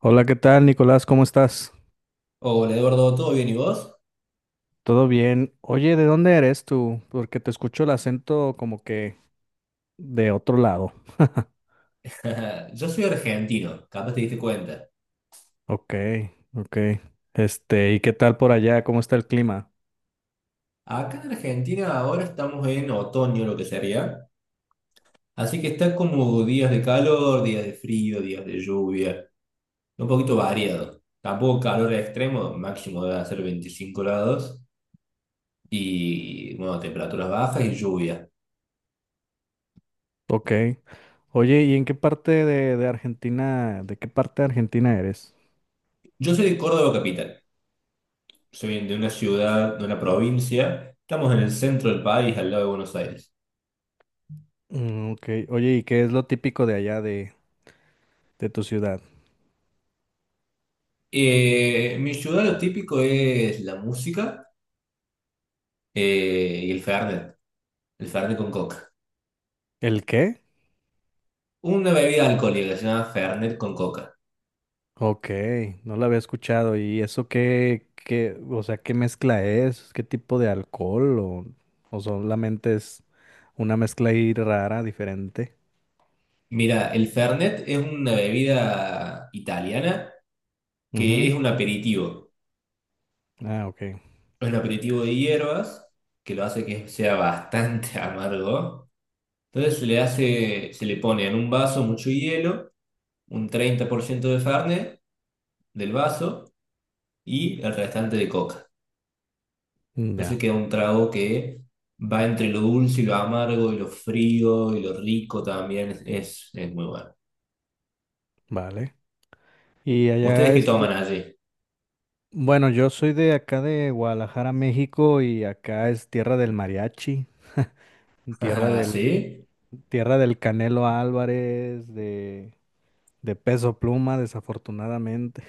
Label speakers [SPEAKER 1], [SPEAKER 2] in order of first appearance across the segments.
[SPEAKER 1] Hola, ¿qué tal, Nicolás? ¿Cómo estás?
[SPEAKER 2] Hola Eduardo, ¿todo bien y vos?
[SPEAKER 1] ¿Todo bien? Oye, ¿de dónde eres tú? Porque te escucho el acento como que de otro lado.
[SPEAKER 2] Yo soy argentino, capaz te diste cuenta.
[SPEAKER 1] Ok, ok. Este, ¿y qué tal por allá? ¿Cómo está el clima?
[SPEAKER 2] Acá en Argentina ahora estamos en otoño, lo que sería. Así que está como días de calor, días de frío, días de lluvia, un poquito variado. Tampoco calor extremo, máximo debe ser 25 grados y bueno, temperaturas bajas y lluvia.
[SPEAKER 1] Ok. Oye, ¿y en qué parte de Argentina, de qué parte de Argentina eres?
[SPEAKER 2] Yo soy de Córdoba capital, soy de una ciudad, de una provincia. Estamos en el centro del país, al lado de Buenos Aires.
[SPEAKER 1] Mm, ok. Oye, ¿y qué es lo típico de allá de tu ciudad?
[SPEAKER 2] Mi ciudad lo típico es la música. Y el Fernet con coca.
[SPEAKER 1] ¿El qué?
[SPEAKER 2] Una bebida alcohólica se llama Fernet con coca.
[SPEAKER 1] Ok, no la había escuchado. ¿Y eso qué, o sea, qué mezcla es? ¿Qué tipo de alcohol? ¿O solamente es una mezcla ahí rara, diferente?
[SPEAKER 2] Mira, el Fernet es una bebida italiana que
[SPEAKER 1] Ujú.
[SPEAKER 2] es un aperitivo.
[SPEAKER 1] Ah, ok.
[SPEAKER 2] Es un aperitivo de hierbas que lo hace que sea bastante amargo. Entonces se le hace, se le pone en un vaso mucho hielo, un 30% de Fernet del vaso y el restante de coca.
[SPEAKER 1] Mm,
[SPEAKER 2] Entonces
[SPEAKER 1] ya,
[SPEAKER 2] queda un trago que va entre lo dulce y lo amargo y lo frío y lo rico también. Es muy bueno.
[SPEAKER 1] vale. Y
[SPEAKER 2] ¿Ustedes
[SPEAKER 1] allá,
[SPEAKER 2] qué
[SPEAKER 1] este,
[SPEAKER 2] toman allí?
[SPEAKER 1] bueno, yo soy de acá de Guadalajara, México, y acá es tierra del mariachi, tierra del,
[SPEAKER 2] ¿Sí?
[SPEAKER 1] tierra del Canelo Álvarez, de Peso Pluma, desafortunadamente.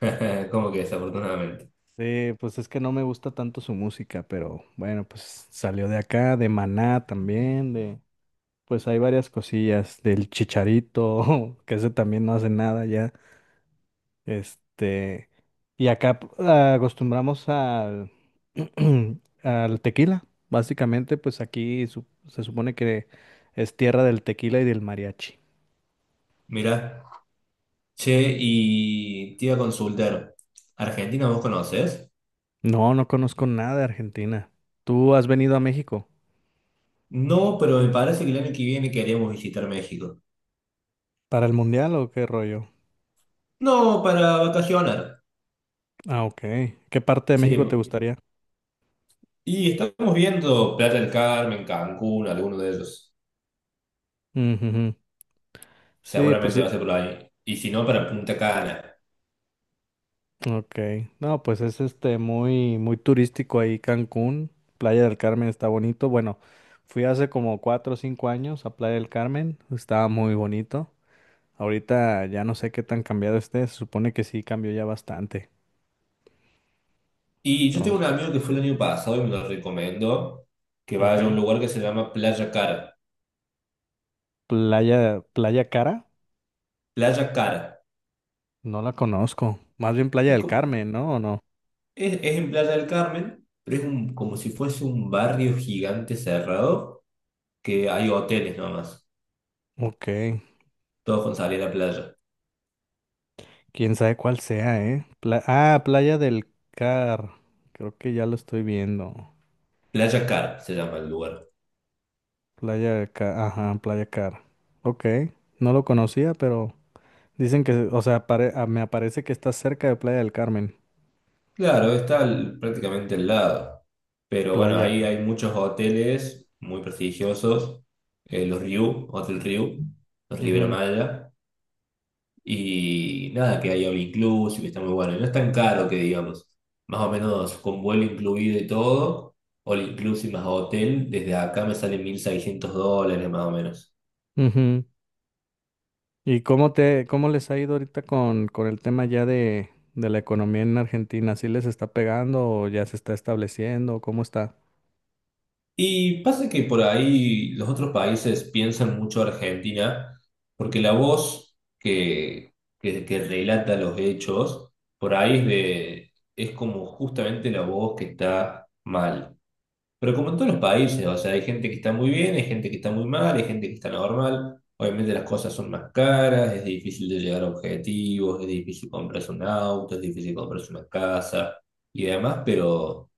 [SPEAKER 2] ¿Cómo que desafortunadamente?
[SPEAKER 1] Sí, pues es que no me gusta tanto su música, pero bueno, pues salió de acá, de Maná también, de pues hay varias cosillas, del Chicharito, que ese también no hace nada ya. Este, y acá acostumbramos al al tequila, básicamente, pues aquí se supone que es tierra del tequila y del mariachi.
[SPEAKER 2] Mira, che, y te iba a consultar. ¿Argentina vos conocés?
[SPEAKER 1] No, no conozco nada de Argentina. ¿Tú has venido a México
[SPEAKER 2] No, pero me parece que el año que viene queremos visitar México.
[SPEAKER 1] para el mundial o qué rollo?
[SPEAKER 2] No, para vacacionar.
[SPEAKER 1] Ah, ok. ¿Qué parte de
[SPEAKER 2] Sí,
[SPEAKER 1] México te gustaría?
[SPEAKER 2] y estamos viendo Playa del Carmen, Cancún, alguno de ellos.
[SPEAKER 1] Ujú, sí, pues
[SPEAKER 2] Seguramente va a ser
[SPEAKER 1] es.
[SPEAKER 2] por ahí. Y si no, para Punta Cana.
[SPEAKER 1] Ok. No, pues es este muy, muy turístico ahí Cancún. Playa del Carmen está bonito. Bueno, fui hace como 4 o 5 años a Playa del Carmen. Estaba muy bonito. Ahorita ya no sé qué tan cambiado esté. Se supone que sí cambió ya bastante.
[SPEAKER 2] Y yo tengo
[SPEAKER 1] Entonces,
[SPEAKER 2] un amigo que fue el año pasado y me lo recomendó que
[SPEAKER 1] ok.
[SPEAKER 2] vaya a un lugar que se llama Playa Cara.
[SPEAKER 1] Playa Cara,
[SPEAKER 2] Playa Cara.
[SPEAKER 1] no la conozco. Más bien Playa
[SPEAKER 2] Es,
[SPEAKER 1] del
[SPEAKER 2] como,
[SPEAKER 1] Carmen, ¿no? ¿O no?
[SPEAKER 2] es en Playa del Carmen, pero es un, como si fuese un barrio gigante cerrado que hay hoteles nomás,
[SPEAKER 1] Ok.
[SPEAKER 2] todos con salida a la playa.
[SPEAKER 1] Quién sabe cuál sea, ¿eh? Ah, Playa del Car. Creo que ya lo estoy viendo.
[SPEAKER 2] Playa Cara se llama el lugar.
[SPEAKER 1] Playa Car. Ajá, Playa Car. Ok. No lo conocía, pero dicen que, o sea, ah, me aparece que está cerca de Playa del Carmen.
[SPEAKER 2] Claro, prácticamente al lado. Pero bueno,
[SPEAKER 1] Playa
[SPEAKER 2] ahí
[SPEAKER 1] Car.
[SPEAKER 2] hay muchos hoteles muy prestigiosos. Los Riu, Hotel Riu, los Riviera
[SPEAKER 1] Ujú,
[SPEAKER 2] Maya. Y nada, que hay all inclusive, que está muy bueno. Y no es tan caro que digamos, más o menos con vuelo incluido y todo, all inclusive más hotel, desde acá me sale 1.600 dólares más o menos.
[SPEAKER 1] ujú. ¿Y cómo cómo les ha ido ahorita con el tema ya de la economía en Argentina? ¿Sí les está pegando o ya se está estableciendo? ¿Cómo está?
[SPEAKER 2] Y pasa que por ahí los otros países piensan mucho Argentina, porque la voz que, que relata los hechos, por ahí es de, es como justamente la voz que está mal. Pero como en todos los países, o sea, hay gente que está muy bien, hay gente que está muy mal, hay gente que está normal. Obviamente las cosas son más caras, es difícil de llegar a objetivos, es difícil comprarse un auto, es difícil comprarse una casa y demás, pero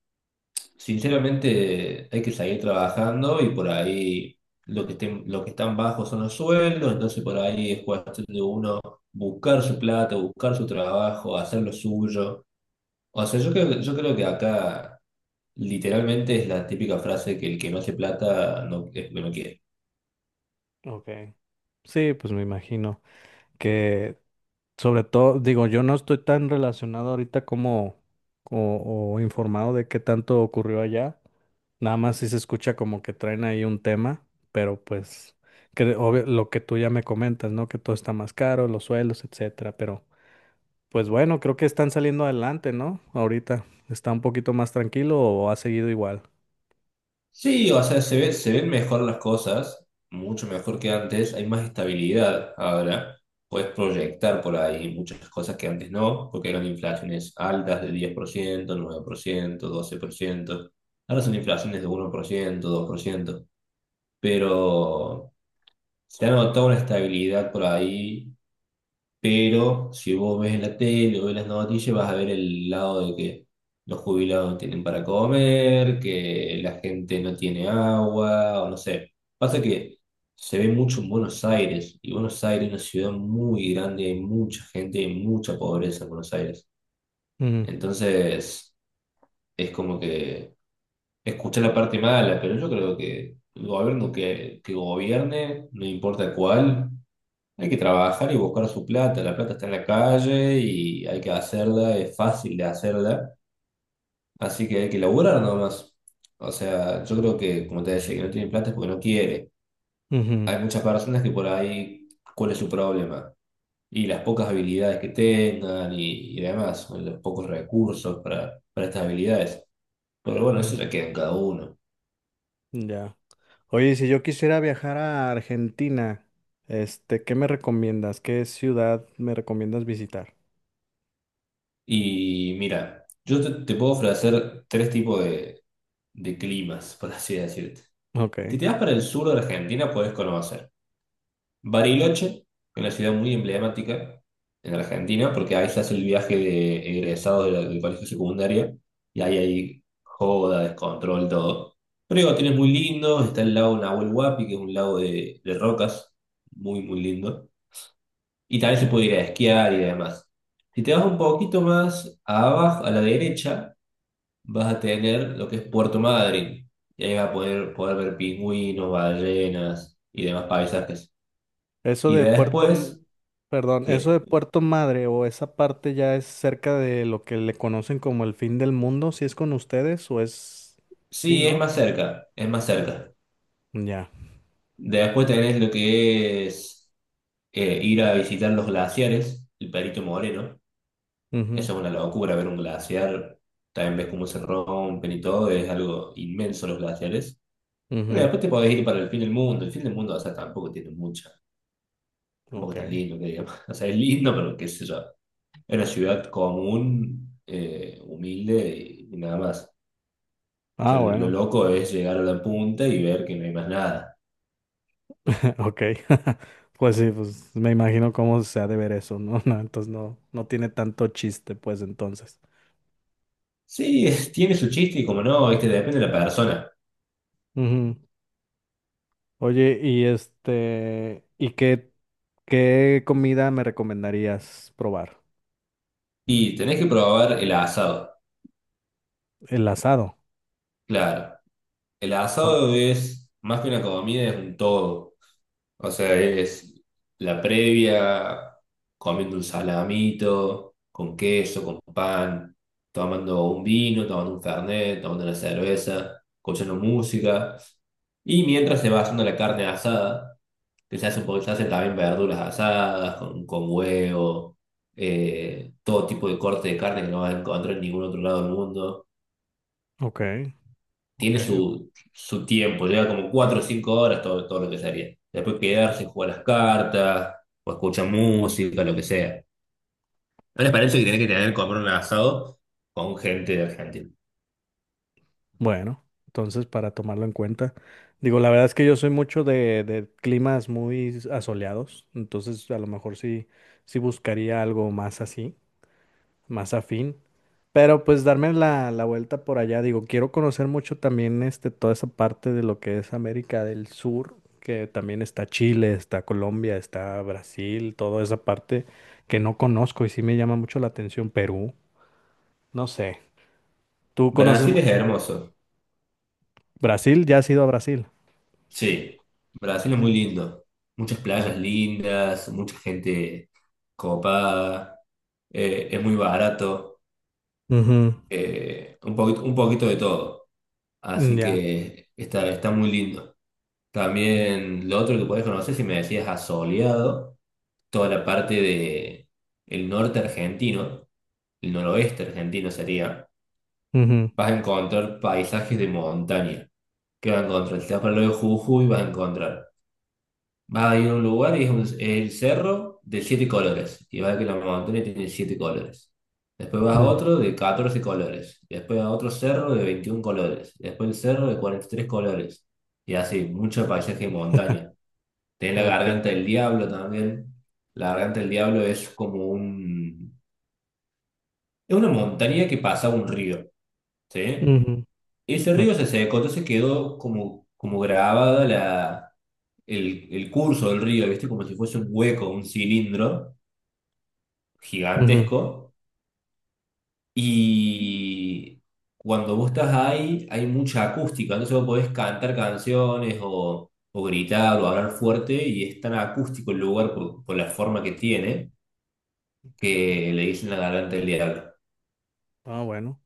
[SPEAKER 2] sinceramente hay que seguir trabajando y por ahí lo que están bajos son los sueldos, entonces por ahí es cuestión de uno buscar su plata, buscar su trabajo, hacer lo suyo. O sea, yo creo que acá literalmente es la típica frase que el que no hace plata no, es lo que no quiere.
[SPEAKER 1] Ok. Sí, pues me imagino que. Sobre todo, digo, yo no estoy tan relacionado ahorita como o informado de qué tanto ocurrió allá. Nada más si se escucha como que traen ahí un tema, pero pues que lo que tú ya me comentas, ¿no? Que todo está más caro, los suelos, etcétera. Pero pues bueno, creo que están saliendo adelante, ¿no? Ahorita está un poquito más tranquilo o ha seguido igual.
[SPEAKER 2] Sí, o sea, se ven mejor las cosas, mucho mejor que antes, hay más estabilidad ahora, puedes proyectar por ahí muchas cosas que antes no, porque eran inflaciones altas de diez por ciento, 109%, 12%. Ahora son inflaciones de 1%, 2%, pero se ha notado una estabilidad por ahí. Pero si vos ves en la tele o ves las noticias, vas a ver el lado de que los jubilados no tienen para comer, que la gente no tiene agua, o no sé. Pasa que se ve mucho en Buenos Aires, y Buenos Aires es una ciudad muy grande, hay mucha gente, hay mucha pobreza en Buenos Aires.
[SPEAKER 1] Ujú,
[SPEAKER 2] Entonces, es como que escuché la parte mala, pero yo creo que el gobierno que gobierne, no importa cuál. Hay que trabajar y buscar su plata. La plata está en la calle y hay que hacerla, es fácil de hacerla. Así que hay que laburar nomás. O sea, yo creo que, como te decía, que no tiene plata es porque no quiere.
[SPEAKER 1] ujú,
[SPEAKER 2] Hay muchas personas que por ahí, ¿cuál es su problema? Y las pocas habilidades que tengan y demás, o los pocos recursos para estas habilidades. Pero bueno,
[SPEAKER 1] ujú.
[SPEAKER 2] eso ya queda en cada uno.
[SPEAKER 1] Ya. Oye, si yo quisiera viajar a Argentina, este, ¿qué me recomiendas? ¿Qué ciudad me recomiendas visitar?
[SPEAKER 2] Y mira, yo te puedo ofrecer tres tipos de climas, por así decirte. Si
[SPEAKER 1] Ok.
[SPEAKER 2] te vas para el sur de Argentina, puedes conocer Bariloche, una ciudad muy emblemática en Argentina, porque ahí se hace el viaje de egresados de del colegio secundario, y ahí hay joda, descontrol, todo. Pero digo, tienes muy lindo, está el lago Nahuel Huapi, que es un lago de rocas, muy, muy lindo. Y también se puede
[SPEAKER 1] Ujú.
[SPEAKER 2] ir a esquiar y demás. Si te vas un poquito más abajo, a la derecha, vas a tener lo que es Puerto Madryn. Y ahí vas a poder ver pingüinos, ballenas y demás paisajes.
[SPEAKER 1] Eso
[SPEAKER 2] Y
[SPEAKER 1] de Puerto,
[SPEAKER 2] después,
[SPEAKER 1] perdón, eso de
[SPEAKER 2] sí,
[SPEAKER 1] Puerto Madre o esa parte ya es cerca de lo que le conocen como el fin del mundo, ¿si es con ustedes o es, sí,
[SPEAKER 2] sí, es
[SPEAKER 1] no?
[SPEAKER 2] más cerca, es más cerca.
[SPEAKER 1] Ya.
[SPEAKER 2] Después tenés lo que es ir a visitar los glaciares, el Perito Moreno.
[SPEAKER 1] Mhm.
[SPEAKER 2] Eso es una locura, ver un glaciar. También ves cómo se rompen y todo, es algo inmenso los glaciares. Pero
[SPEAKER 1] Mhm.
[SPEAKER 2] después te podés ir para el fin del mundo. El fin del mundo, o sea, tampoco tiene mucha, tampoco
[SPEAKER 1] Ok.
[SPEAKER 2] es tan lindo que digamos. O sea, es lindo, pero qué sé yo. Era una ciudad común, humilde y nada más. O
[SPEAKER 1] Ah,
[SPEAKER 2] sea, lo
[SPEAKER 1] bueno.
[SPEAKER 2] loco es llegar a la punta y ver que no hay más nada.
[SPEAKER 1] Ok. Pues sí, pues me imagino cómo se ha de ver eso, ¿no? No, entonces no, no tiene tanto chiste, pues entonces.
[SPEAKER 2] Sí, tiene su chiste y como no, este depende de la persona.
[SPEAKER 1] Oye, y este, ¿y qué comida me recomendarías probar?
[SPEAKER 2] Y tenés que probar el asado.
[SPEAKER 1] El asado.
[SPEAKER 2] Claro, el
[SPEAKER 1] O-
[SPEAKER 2] asado es más que una comida, es un todo. O sea, es la previa, comiendo un salamito, con queso, con pan, tomando un vino, tomando un fernet, tomando una cerveza, escuchando música. Y mientras se va haciendo la carne asada, que se hace, porque se hacen también verduras asadas, con huevo, todo tipo de corte de carne que no vas a encontrar en ningún otro lado del mundo.
[SPEAKER 1] ok, ok.
[SPEAKER 2] Tiene su tiempo, lleva como 4 o 5 horas, todo lo que sería. Después quedarse, jugar las cartas, o escuchar música, lo que sea. Una experiencia que tiene que tener, comprar un asado con gente de Argentina.
[SPEAKER 1] Bueno, entonces para tomarlo en cuenta. Digo, la verdad es que yo soy mucho de climas muy asoleados, entonces a lo mejor sí, sí buscaría algo más así, más afín. Pero pues darme la vuelta por allá, digo, quiero conocer mucho también este, toda esa parte de lo que es América del Sur, que también está Chile, está Colombia, está Brasil, toda esa parte que no conozco y sí me llama mucho la atención. Perú, no sé, tú conoces
[SPEAKER 2] Brasil es
[SPEAKER 1] mucho
[SPEAKER 2] hermoso,
[SPEAKER 1] Brasil, ya has ido a Brasil.
[SPEAKER 2] sí. Brasil es muy lindo. Muchas playas lindas, mucha gente copada, es muy barato,
[SPEAKER 1] Ujú,
[SPEAKER 2] un poquito de todo. Así
[SPEAKER 1] ya.
[SPEAKER 2] que está muy lindo. También lo otro que podés conocer, si me decías a Soleado, toda la parte de el norte argentino, el noroeste argentino sería,
[SPEAKER 1] Ujú,
[SPEAKER 2] vas a encontrar paisajes de montaña. ¿Qué vas a encontrar? Si te vas para el lado de Jujuy, vas a encontrar. Vas a ir a un lugar y es el cerro de siete colores. Y vas a ver que la montaña tiene siete colores. Después vas a
[SPEAKER 1] ya.
[SPEAKER 2] otro de 14 colores. Después a otro cerro de 21 colores. Después el cerro de 43 colores. Y así, mucho paisaje de montaña. Tenés la
[SPEAKER 1] Ok.
[SPEAKER 2] garganta del diablo también. La garganta del diablo es como un... Es una montaña que pasa un río, ¿sí?
[SPEAKER 1] Ujú,
[SPEAKER 2] Ese río se
[SPEAKER 1] ok,
[SPEAKER 2] secó, entonces quedó como, como grabada el curso del río, ¿viste? Como si fuese un hueco, un cilindro
[SPEAKER 1] ujú.
[SPEAKER 2] gigantesco. Y cuando vos estás ahí, hay mucha acústica, entonces vos podés cantar canciones o gritar o hablar fuerte y es tan acústico el lugar por la forma que tiene que le dicen la garganta del diablo.
[SPEAKER 1] Ah, bueno.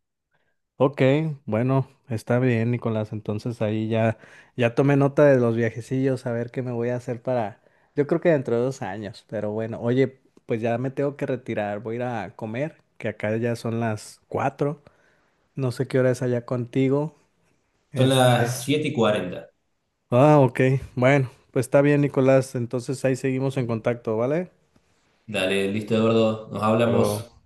[SPEAKER 1] Ok, bueno, está bien, Nicolás. Entonces ahí ya tomé nota de los viajecillos, a ver qué me voy a hacer para, yo creo que dentro de 2 años, pero bueno, oye, pues ya me tengo que retirar, voy a ir a comer, que acá ya son las 4, no sé qué hora es allá contigo,
[SPEAKER 2] Son
[SPEAKER 1] este.
[SPEAKER 2] las 7:40.
[SPEAKER 1] Ah, ok, bueno, pues está bien, Nicolás, entonces ahí seguimos en contacto, ¿vale?
[SPEAKER 2] Dale, listo, Eduardo. Nos
[SPEAKER 1] Hasta
[SPEAKER 2] hablamos.
[SPEAKER 1] luego.